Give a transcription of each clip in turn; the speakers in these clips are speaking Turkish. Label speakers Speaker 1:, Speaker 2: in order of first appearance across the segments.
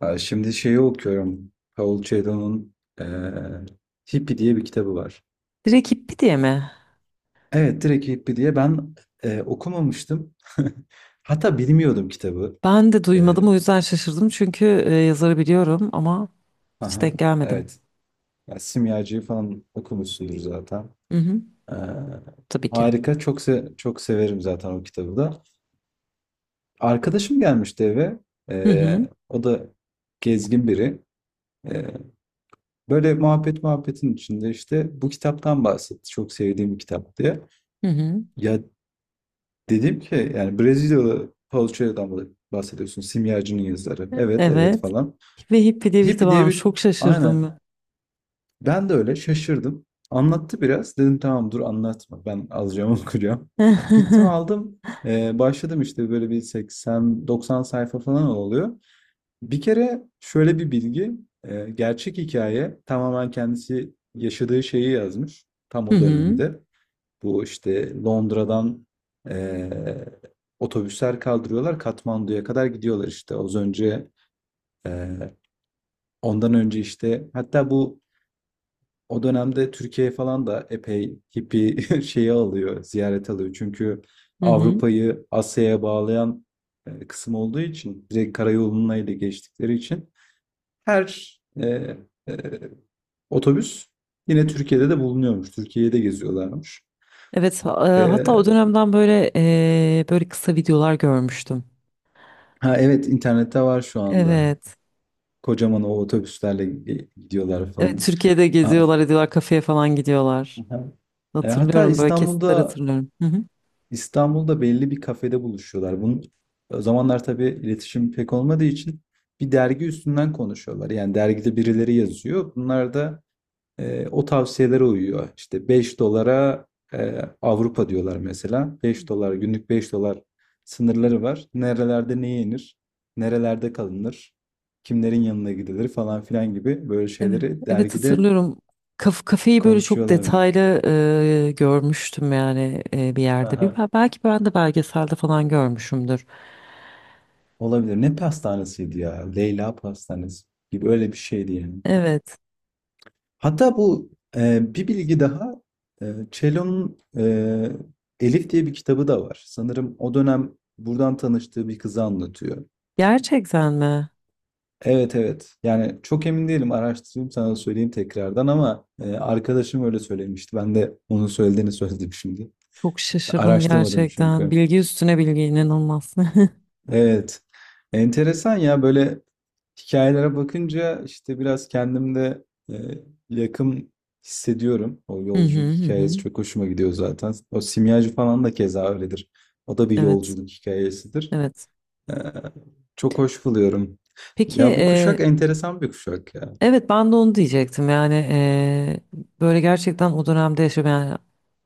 Speaker 1: Aa, şimdi şeyi okuyorum. Paul Coelho'nun eee Hippie diye bir kitabı var.
Speaker 2: Direkt Hippi diye mi?
Speaker 1: Evet, direkt Hippie diye ben okumamıştım. Hatta bilmiyordum kitabı.
Speaker 2: Ben de duymadım
Speaker 1: Eee,
Speaker 2: o yüzden şaşırdım çünkü yazarı biliyorum ama hiç
Speaker 1: aha,
Speaker 2: denk gelmedim.
Speaker 1: evet. Ya, Simyacı'yı falan okumuşsundur zaten.
Speaker 2: Hı hı,
Speaker 1: Eee,
Speaker 2: tabii ki.
Speaker 1: Harika. Çok severim zaten o kitabı da. Arkadaşım gelmişti eve.
Speaker 2: Hı hı,
Speaker 1: O da gezgin biri. Eee, Böyle muhabbet muhabbetin içinde işte bu kitaptan bahsetti. Çok sevdiğim bir kitap diye.
Speaker 2: hı hı.
Speaker 1: Ya, dedim ki yani Brezilyalı Paulo Coelho'dan bahsediyorsun. Simyacı'nın yazarı. Evet, evet
Speaker 2: Evet.
Speaker 1: falan.
Speaker 2: Ve Hippi diye bir kitap
Speaker 1: Hippie diye
Speaker 2: varmış.
Speaker 1: bir...
Speaker 2: Çok
Speaker 1: Aynen.
Speaker 2: şaşırdım.
Speaker 1: Ben de öyle şaşırdım. Anlattı biraz. Dedim tamam, dur anlatma. Ben alacağım okuyacağım. Gittim
Speaker 2: Ben.
Speaker 1: aldım. Başladım, işte böyle bir 80-90 sayfa falan oluyor. Bir kere şöyle bir bilgi. Gerçek hikaye, tamamen kendisi yaşadığı şeyi yazmış. Tam
Speaker 2: Hı
Speaker 1: o
Speaker 2: hı,
Speaker 1: dönemde. Bu işte Londra'dan eee, otobüsler kaldırıyorlar. Katmandu'ya kadar gidiyorlar işte. Az önce eee, ondan önce işte, hatta bu o dönemde Türkiye falan da epey hippie şeyi alıyor, ziyaret alıyor. Çünkü
Speaker 2: hı hı.
Speaker 1: Avrupa'yı Asya'ya bağlayan kısım olduğu için, direkt karayoluna ile geçtikleri için her e, otobüs yine Türkiye'de de bulunuyormuş. Türkiye'de geziyorlarmış.
Speaker 2: Evet, hatta o
Speaker 1: E,
Speaker 2: dönemden böyle böyle kısa videolar görmüştüm.
Speaker 1: ha, evet, internette var şu anda.
Speaker 2: Evet.
Speaker 1: Kocaman o otobüslerle gidiyorlar
Speaker 2: Evet,
Speaker 1: falan.
Speaker 2: Türkiye'de
Speaker 1: Aa,
Speaker 2: geziyorlar, ediyorlar, kafeye falan gidiyorlar.
Speaker 1: aha. Hatta
Speaker 2: Hatırlıyorum böyle kesitler
Speaker 1: İstanbul'da
Speaker 2: hatırlıyorum. Hı hı.
Speaker 1: İstanbul'da belli bir kafede buluşuyorlar. Bunun, o zamanlar tabii iletişim pek olmadığı için, bir dergi üstünden konuşuyorlar. Yani dergide birileri yazıyor. Bunlar da o tavsiyelere uyuyor. İşte 5 dolara Avrupa diyorlar mesela.
Speaker 2: Hı
Speaker 1: 5 dolar,
Speaker 2: hı.
Speaker 1: günlük 5 dolar sınırları var. Nerelerde ne yenir, nerelerde kalınır, kimlerin yanına gidilir falan filan gibi, böyle
Speaker 2: Evet,
Speaker 1: şeyleri
Speaker 2: evet
Speaker 1: dergide
Speaker 2: hatırlıyorum. Kafeyi böyle çok
Speaker 1: konuşuyorlar.
Speaker 2: detaylı görmüştüm yani bir yerde. Bir,
Speaker 1: Aha.
Speaker 2: belki ben de belgeselde falan görmüşümdür.
Speaker 1: Olabilir. Ne pastanesiydi ya? Leyla pastanesi gibi öyle bir şeydi yani.
Speaker 2: Evet.
Speaker 1: Hatta bu bir bilgi daha, Cello'nun Elif diye bir kitabı da var. Sanırım o dönem buradan tanıştığı bir kızı anlatıyor.
Speaker 2: Gerçekten mi?
Speaker 1: Evet, evet. Yani çok emin değilim, araştırayım sana söyleyeyim tekrardan, ama arkadaşım öyle söylemişti. Ben de onun söylediğini söyledim şimdi.
Speaker 2: Çok şaşırdım
Speaker 1: Araştırmadım
Speaker 2: gerçekten.
Speaker 1: çünkü.
Speaker 2: Bilgi üstüne bilgi inanılmaz.
Speaker 1: Evet. Enteresan ya, böyle hikayelere bakınca işte biraz kendimde yakın hissediyorum. O
Speaker 2: Hı hı
Speaker 1: yolculuk
Speaker 2: hı, hı.
Speaker 1: hikayesi çok hoşuma gidiyor zaten. O simyacı falan da keza öyledir. O da bir
Speaker 2: Evet,
Speaker 1: yolculuk hikayesidir.
Speaker 2: evet.
Speaker 1: E, Çok hoş buluyorum.
Speaker 2: Peki,
Speaker 1: Ya bu kuşak enteresan bir kuşak ya.
Speaker 2: evet ben de onu diyecektim. Yani böyle gerçekten o dönemde yaşayan yani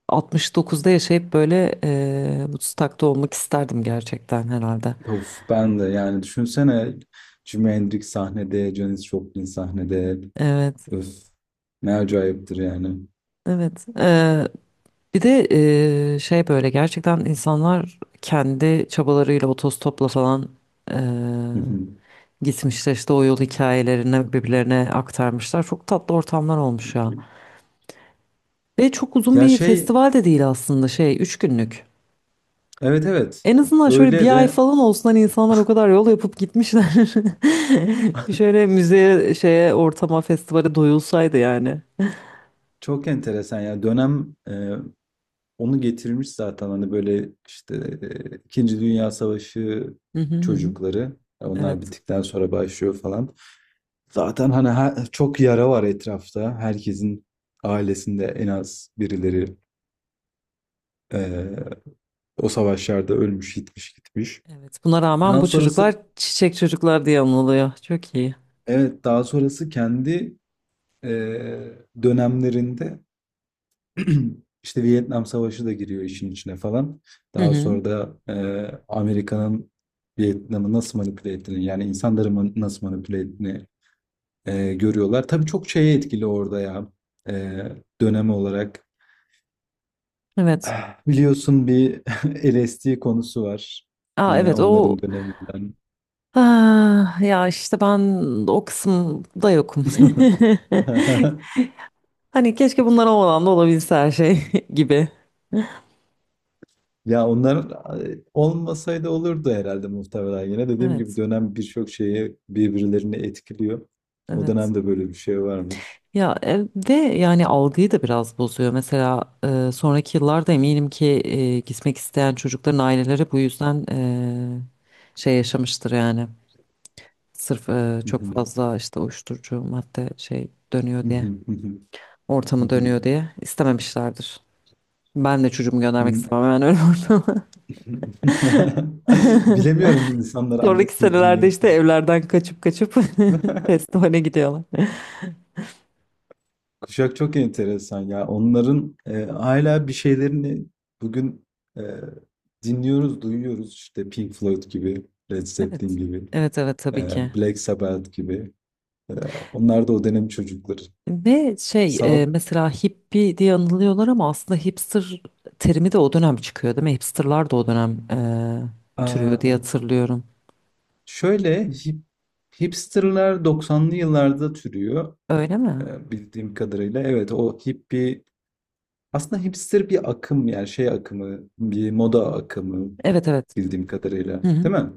Speaker 2: 69'da yaşayıp böyle Woodstock'ta olmak isterdim gerçekten herhalde.
Speaker 1: Of, ben de yani düşünsene, Jimi Hendrix sahnede, Janis Joplin sahnede.
Speaker 2: Evet.
Speaker 1: Öf, ne acayiptir yani.
Speaker 2: Evet. Bir de şey böyle gerçekten insanlar kendi çabalarıyla otostopla falan eee, gitmişler işte o yol hikayelerini birbirlerine aktarmışlar. Çok tatlı ortamlar olmuş ya. Ve çok uzun
Speaker 1: Ya,
Speaker 2: bir
Speaker 1: şey,
Speaker 2: festival de değil aslında şey 3 günlük.
Speaker 1: evet, evet.
Speaker 2: En azından şöyle
Speaker 1: Öyle.
Speaker 2: bir ay
Speaker 1: Ve
Speaker 2: falan olsun hani insanlar o kadar yol yapıp gitmişler. Bir şöyle müzeye şeye ortama festivale doyulsaydı yani.
Speaker 1: çok enteresan ya dönem, onu getirmiş zaten, hani böyle işte İkinci Dünya Savaşı
Speaker 2: Hı hı hı, hı.
Speaker 1: çocukları, onlar
Speaker 2: Evet.
Speaker 1: bittikten sonra başlıyor falan. Zaten hani çok yara var etrafta. Herkesin ailesinde en az birileri e, o savaşlarda ölmüş, gitmiş, gitmiş.
Speaker 2: Evet, buna rağmen
Speaker 1: Daha
Speaker 2: bu çocuklar
Speaker 1: sonrası,
Speaker 2: çiçek çocuklar diye anılıyor. Çok iyi.
Speaker 1: evet, daha sonrası kendi e, dönemlerinde İşte Vietnam Savaşı da giriyor işin içine falan.
Speaker 2: Hı
Speaker 1: Daha
Speaker 2: hı.
Speaker 1: sonra da Amerika'nın Vietnam'ı nasıl manipüle ettiğini, yani insanları nasıl manipüle ettiğini görüyorlar. Tabii çok şeye etkili orada ya, e, dönem olarak.
Speaker 2: Evet.
Speaker 1: Ah, biliyorsun bir LSD konusu var.
Speaker 2: Aa,
Speaker 1: Yine
Speaker 2: evet o,
Speaker 1: onların döneminden.
Speaker 2: ah, ya işte ben o kısımda yokum. Hani keşke bunlar olmadan da olabilse her şey gibi.
Speaker 1: Ya onlar olmasaydı olurdu herhalde muhtemelen. Yine dediğim gibi
Speaker 2: Evet.
Speaker 1: dönem, birçok şeyi birbirlerini etkiliyor. O
Speaker 2: Evet.
Speaker 1: dönemde böyle bir şey varmış.
Speaker 2: Ya ve yani algıyı da biraz bozuyor. Mesela sonraki yıllarda eminim ki gitmek isteyen çocukların aileleri bu yüzden şey yaşamıştır yani. Sırf
Speaker 1: Hı
Speaker 2: çok
Speaker 1: hı.
Speaker 2: fazla işte uyuşturucu madde şey dönüyor
Speaker 1: Hı hı,
Speaker 2: diye,
Speaker 1: hı hı, hı
Speaker 2: ortamı
Speaker 1: hı.
Speaker 2: dönüyor diye istememişlerdir. Ben de çocuğumu göndermek
Speaker 1: Hı.
Speaker 2: istemem hemen öyle ortama.
Speaker 1: Bilemiyorum, insanlar
Speaker 2: Sonraki
Speaker 1: annesini
Speaker 2: senelerde
Speaker 1: dinliyor
Speaker 2: işte
Speaker 1: mu?
Speaker 2: evlerden kaçıp kaçıp festivale gidiyorlar.
Speaker 1: Kuşak çok enteresan ya. Onların hala bir şeylerini bugün e, dinliyoruz, duyuyoruz. İşte Pink Floyd gibi, Led Zeppelin
Speaker 2: Evet.
Speaker 1: gibi,
Speaker 2: Evet evet tabii ki.
Speaker 1: Black Sabbath gibi. Ee, Onlar da o dönem çocukları.
Speaker 2: Ve şey
Speaker 1: Sanat
Speaker 2: mesela hippie diye anılıyorlar ama aslında hipster terimi de o dönem çıkıyor değil mi? Hipsterlar da o dönem türüyor diye
Speaker 1: Aa,
Speaker 2: hatırlıyorum.
Speaker 1: Şöyle hipsterlar doksanlı yıllarda türüyor,
Speaker 2: Öyle mi?
Speaker 1: bildiğim kadarıyla. Evet, o hippie aslında hipster bir akım, yani şey akımı, bir moda akımı
Speaker 2: Evet evet.
Speaker 1: bildiğim kadarıyla.
Speaker 2: Hı hı.
Speaker 1: Değil mi?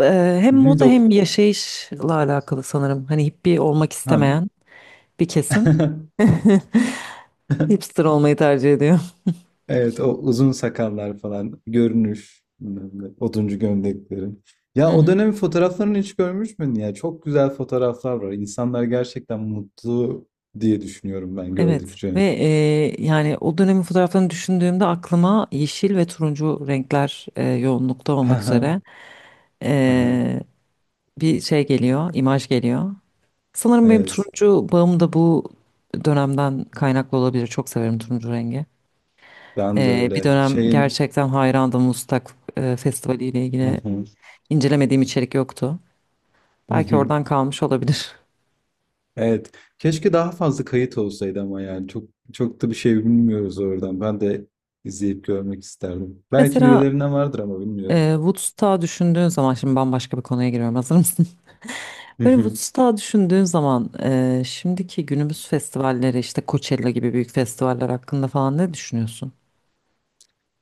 Speaker 2: Eee, Hem
Speaker 1: Hı hı,
Speaker 2: moda hem yaşayışla alakalı sanırım. Hani hippie olmak istemeyen bir kesim
Speaker 1: hem.
Speaker 2: hipster olmayı tercih ediyor.
Speaker 1: Evet, o uzun sakallar falan, görünüş bilmem ne, oduncu gömlekleri. Ya
Speaker 2: Hı
Speaker 1: o
Speaker 2: hı.
Speaker 1: dönemin fotoğraflarını hiç görmüş müydün ya? Çok güzel fotoğraflar var. İnsanlar gerçekten mutlu diye düşünüyorum ben
Speaker 2: Evet
Speaker 1: gördükçe.
Speaker 2: ve yani o dönemin fotoğraflarını düşündüğümde aklıma yeşil ve turuncu renkler yoğunlukta olmak
Speaker 1: Aha,
Speaker 2: üzere
Speaker 1: aha.
Speaker 2: eee, bir şey geliyor, imaj geliyor. Sanırım benim
Speaker 1: Evet,
Speaker 2: turuncu bağım da bu dönemden kaynaklı olabilir. Çok severim turuncu rengi.
Speaker 1: ben de
Speaker 2: Bir
Speaker 1: öyle.
Speaker 2: dönem gerçekten hayrandım Mustak Festivali ile
Speaker 1: Hı
Speaker 2: ilgili
Speaker 1: hı,
Speaker 2: incelemediğim içerik yoktu.
Speaker 1: hı
Speaker 2: Belki
Speaker 1: hı.
Speaker 2: oradan kalmış olabilir.
Speaker 1: Evet. Keşke daha fazla kayıt olsaydı ama yani çok çok da bir şey bilmiyoruz oradan. Ben de izleyip görmek isterdim. Belki
Speaker 2: Mesela
Speaker 1: birilerine vardır ama bilmiyorum.
Speaker 2: Woodstock'a düşündüğün zaman şimdi bambaşka bir konuya giriyorum. Hazır mısın? Böyle Woodstock'a düşündüğün zaman şimdiki günümüz festivalleri işte Coachella gibi büyük festivaller hakkında falan ne düşünüyorsun?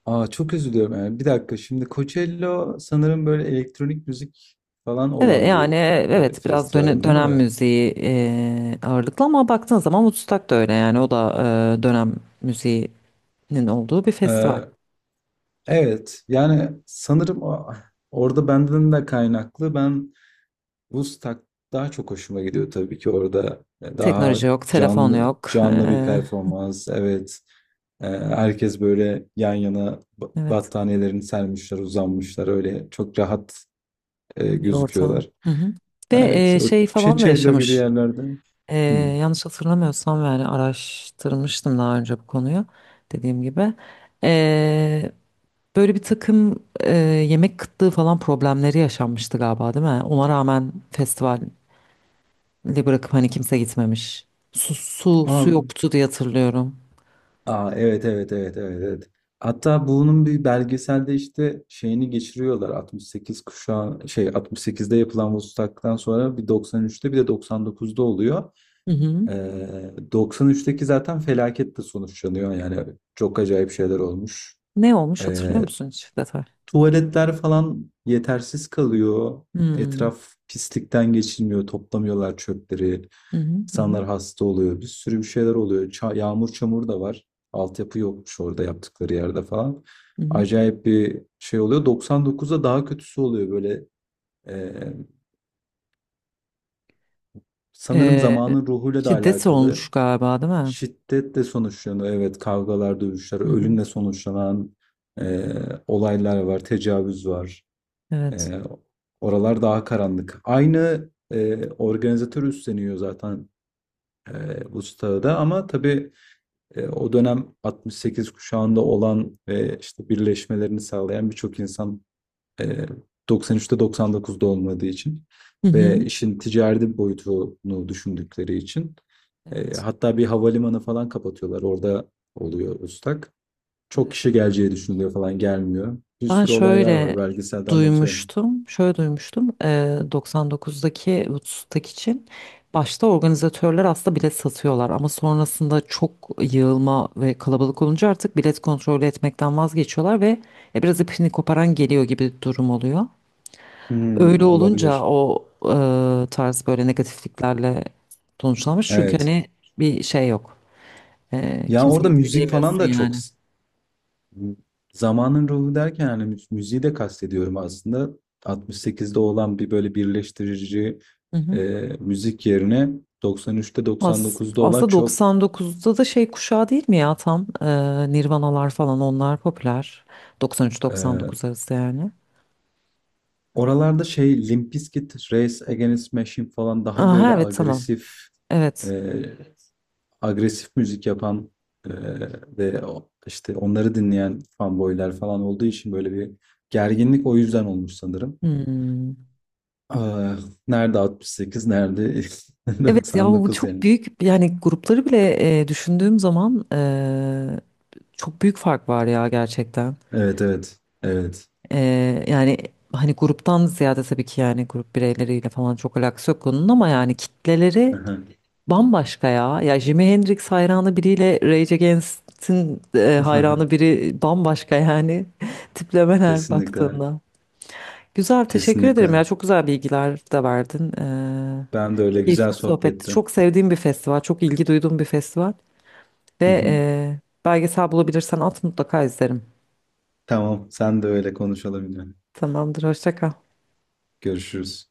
Speaker 1: Çok üzülüyorum yani. Bir dakika, şimdi Coachella sanırım böyle elektronik müzik falan
Speaker 2: Evet
Speaker 1: olan
Speaker 2: yani
Speaker 1: bir
Speaker 2: evet biraz
Speaker 1: festival değil
Speaker 2: dönem
Speaker 1: mi?
Speaker 2: müziği ağırlıklı ama baktığın zaman Woodstock da öyle yani o da dönem müziğinin olduğu bir festival.
Speaker 1: Ee, evet, yani sanırım orada benden de kaynaklı, ben Woodstock daha çok hoşuma gidiyor. Tabii ki orada daha
Speaker 2: Teknoloji yok, telefon
Speaker 1: canlı
Speaker 2: yok.
Speaker 1: canlı bir
Speaker 2: E,
Speaker 1: performans, evet. Herkes böyle yan yana
Speaker 2: evet.
Speaker 1: battaniyelerini sermişler, uzanmışlar, öyle çok rahat
Speaker 2: Bir ortam.
Speaker 1: gözüküyorlar.
Speaker 2: Hı hı. Ve
Speaker 1: Evet, o
Speaker 2: şey falan da
Speaker 1: Çeçelo gibi
Speaker 2: yaşamış.
Speaker 1: yerlerde.
Speaker 2: E,
Speaker 1: Hmm.
Speaker 2: yanlış hatırlamıyorsam yani araştırmıştım daha önce bu konuyu dediğim gibi. E, böyle bir takım yemek kıtlığı falan problemleri yaşanmıştı galiba değil mi? Ona rağmen festivali bırakıp hani kimse gitmemiş. Su, su,
Speaker 1: Aa,
Speaker 2: su yoktu diye hatırlıyorum.
Speaker 1: aa, evet, evet, evet, evet, evet. Hatta bunun bir belgeselde işte şeyini geçiriyorlar. 68 kuşağı, şey 68'de yapılan Vostok'tan sonra bir 93'te bir de 99'da oluyor.
Speaker 2: Hı hı.
Speaker 1: 93'teki zaten felaketle sonuçlanıyor. Yani çok acayip şeyler olmuş.
Speaker 2: Ne olmuş
Speaker 1: Ee,
Speaker 2: hatırlıyor musun hiç detay?
Speaker 1: Tuvaletler falan yetersiz kalıyor.
Speaker 2: Hmm.
Speaker 1: Etraf pislikten geçilmiyor. Toplamıyorlar çöpleri.
Speaker 2: Hı hı, hı hı,
Speaker 1: İnsanlar hasta oluyor. Bir sürü bir şeyler oluyor. Yağmur çamur da var. Altyapı yokmuş orada yaptıkları yerde falan.
Speaker 2: hı hı.
Speaker 1: Acayip bir şey oluyor. 99'da daha kötüsü oluyor böyle. Ee, Sanırım
Speaker 2: E,
Speaker 1: zamanın ruhuyla da
Speaker 2: şiddet olmuş
Speaker 1: alakalı.
Speaker 2: galiba değil mi?
Speaker 1: Şiddetle sonuçlanıyor. Evet, kavgalar, dövüşler,
Speaker 2: Hı hı.
Speaker 1: ölümle sonuçlanan ee, olaylar var. Tecavüz var.
Speaker 2: Evet.
Speaker 1: Ee, Oralar daha karanlık. Aynı organizatör üstleniyor zaten bu stadı da, ama tabii o dönem 68 kuşağında olan ve işte birleşmelerini sağlayan birçok insan e, 93'te 99'da olmadığı için,
Speaker 2: Hı hı.
Speaker 1: ve işin ticari boyutunu düşündükleri için,
Speaker 2: Evet,
Speaker 1: hatta bir havalimanı falan kapatıyorlar. Orada oluyor ıslak. Çok
Speaker 2: evet.
Speaker 1: kişi geleceği düşünülüyor falan, gelmiyor. Bir
Speaker 2: Ben
Speaker 1: sürü olaylar
Speaker 2: şöyle
Speaker 1: var. Belgeselde anlatıyorum.
Speaker 2: duymuştum, şöyle duymuştum. 99'daki Woodstock için başta organizatörler aslında bilet satıyorlar ama sonrasında çok yığılma ve kalabalık olunca artık bilet kontrolü etmekten vazgeçiyorlar ve biraz ipini koparan geliyor gibi bir durum oluyor. Öyle
Speaker 1: Hımm,
Speaker 2: olunca
Speaker 1: olabilir.
Speaker 2: o tarz böyle negatifliklerle sonuçlanmış çünkü
Speaker 1: Evet.
Speaker 2: hani bir şey yok.
Speaker 1: Ya, orada
Speaker 2: Kimseyi
Speaker 1: müzik falan
Speaker 2: bilemiyorsun
Speaker 1: da çok
Speaker 2: yani.
Speaker 1: zamanın ruhu derken, hani, müziği de kastediyorum aslında. 68'de olan bir, böyle, birleştirici, müzik yerine 93'te 99'da olan
Speaker 2: Aslında
Speaker 1: çok,
Speaker 2: 99'da da şey kuşağı değil mi ya tam Nirvanalar falan onlar popüler.
Speaker 1: eee,
Speaker 2: 93-99 arası yani.
Speaker 1: oralarda şey, Limp Bizkit, Rage Against the Machine falan, daha,
Speaker 2: Aha,
Speaker 1: böyle,
Speaker 2: evet, tamam.
Speaker 1: agresif,
Speaker 2: Evet.
Speaker 1: e, agresif müzik yapan, e, ve işte onları dinleyen fanboylar falan olduğu için böyle bir gerginlik o yüzden olmuş sanırım.
Speaker 2: Hmm.
Speaker 1: Ah, nerede 68, nerede
Speaker 2: Evet ya bu
Speaker 1: 99
Speaker 2: çok
Speaker 1: yani.
Speaker 2: büyük yani grupları bile düşündüğüm zaman çok büyük fark var ya gerçekten.
Speaker 1: Evet, evet, evet.
Speaker 2: E, yani hani gruptan ziyade tabii ki yani grup bireyleriyle falan çok alakası yok onun ama yani kitleleri
Speaker 1: Aha.
Speaker 2: bambaşka ya. Ya Jimi Hendrix hayranı biriyle Rage Against'in hayranı biri bambaşka yani. Tiplemeler
Speaker 1: Kesinlikle,
Speaker 2: baktığında. Güzel, teşekkür ederim
Speaker 1: kesinlikle.
Speaker 2: ya. Çok güzel bilgiler de verdin.
Speaker 1: Ben de öyle, güzel
Speaker 2: Keyifli sohbetti.
Speaker 1: sohbetti.
Speaker 2: Çok sevdiğim bir festival, çok ilgi duyduğum bir festival. Ve belgesel bulabilirsen at mutlaka izlerim.
Speaker 1: Tamam, sen de öyle konuşalım yine.
Speaker 2: Tamamdır, hoşça kal.
Speaker 1: Görüşürüz.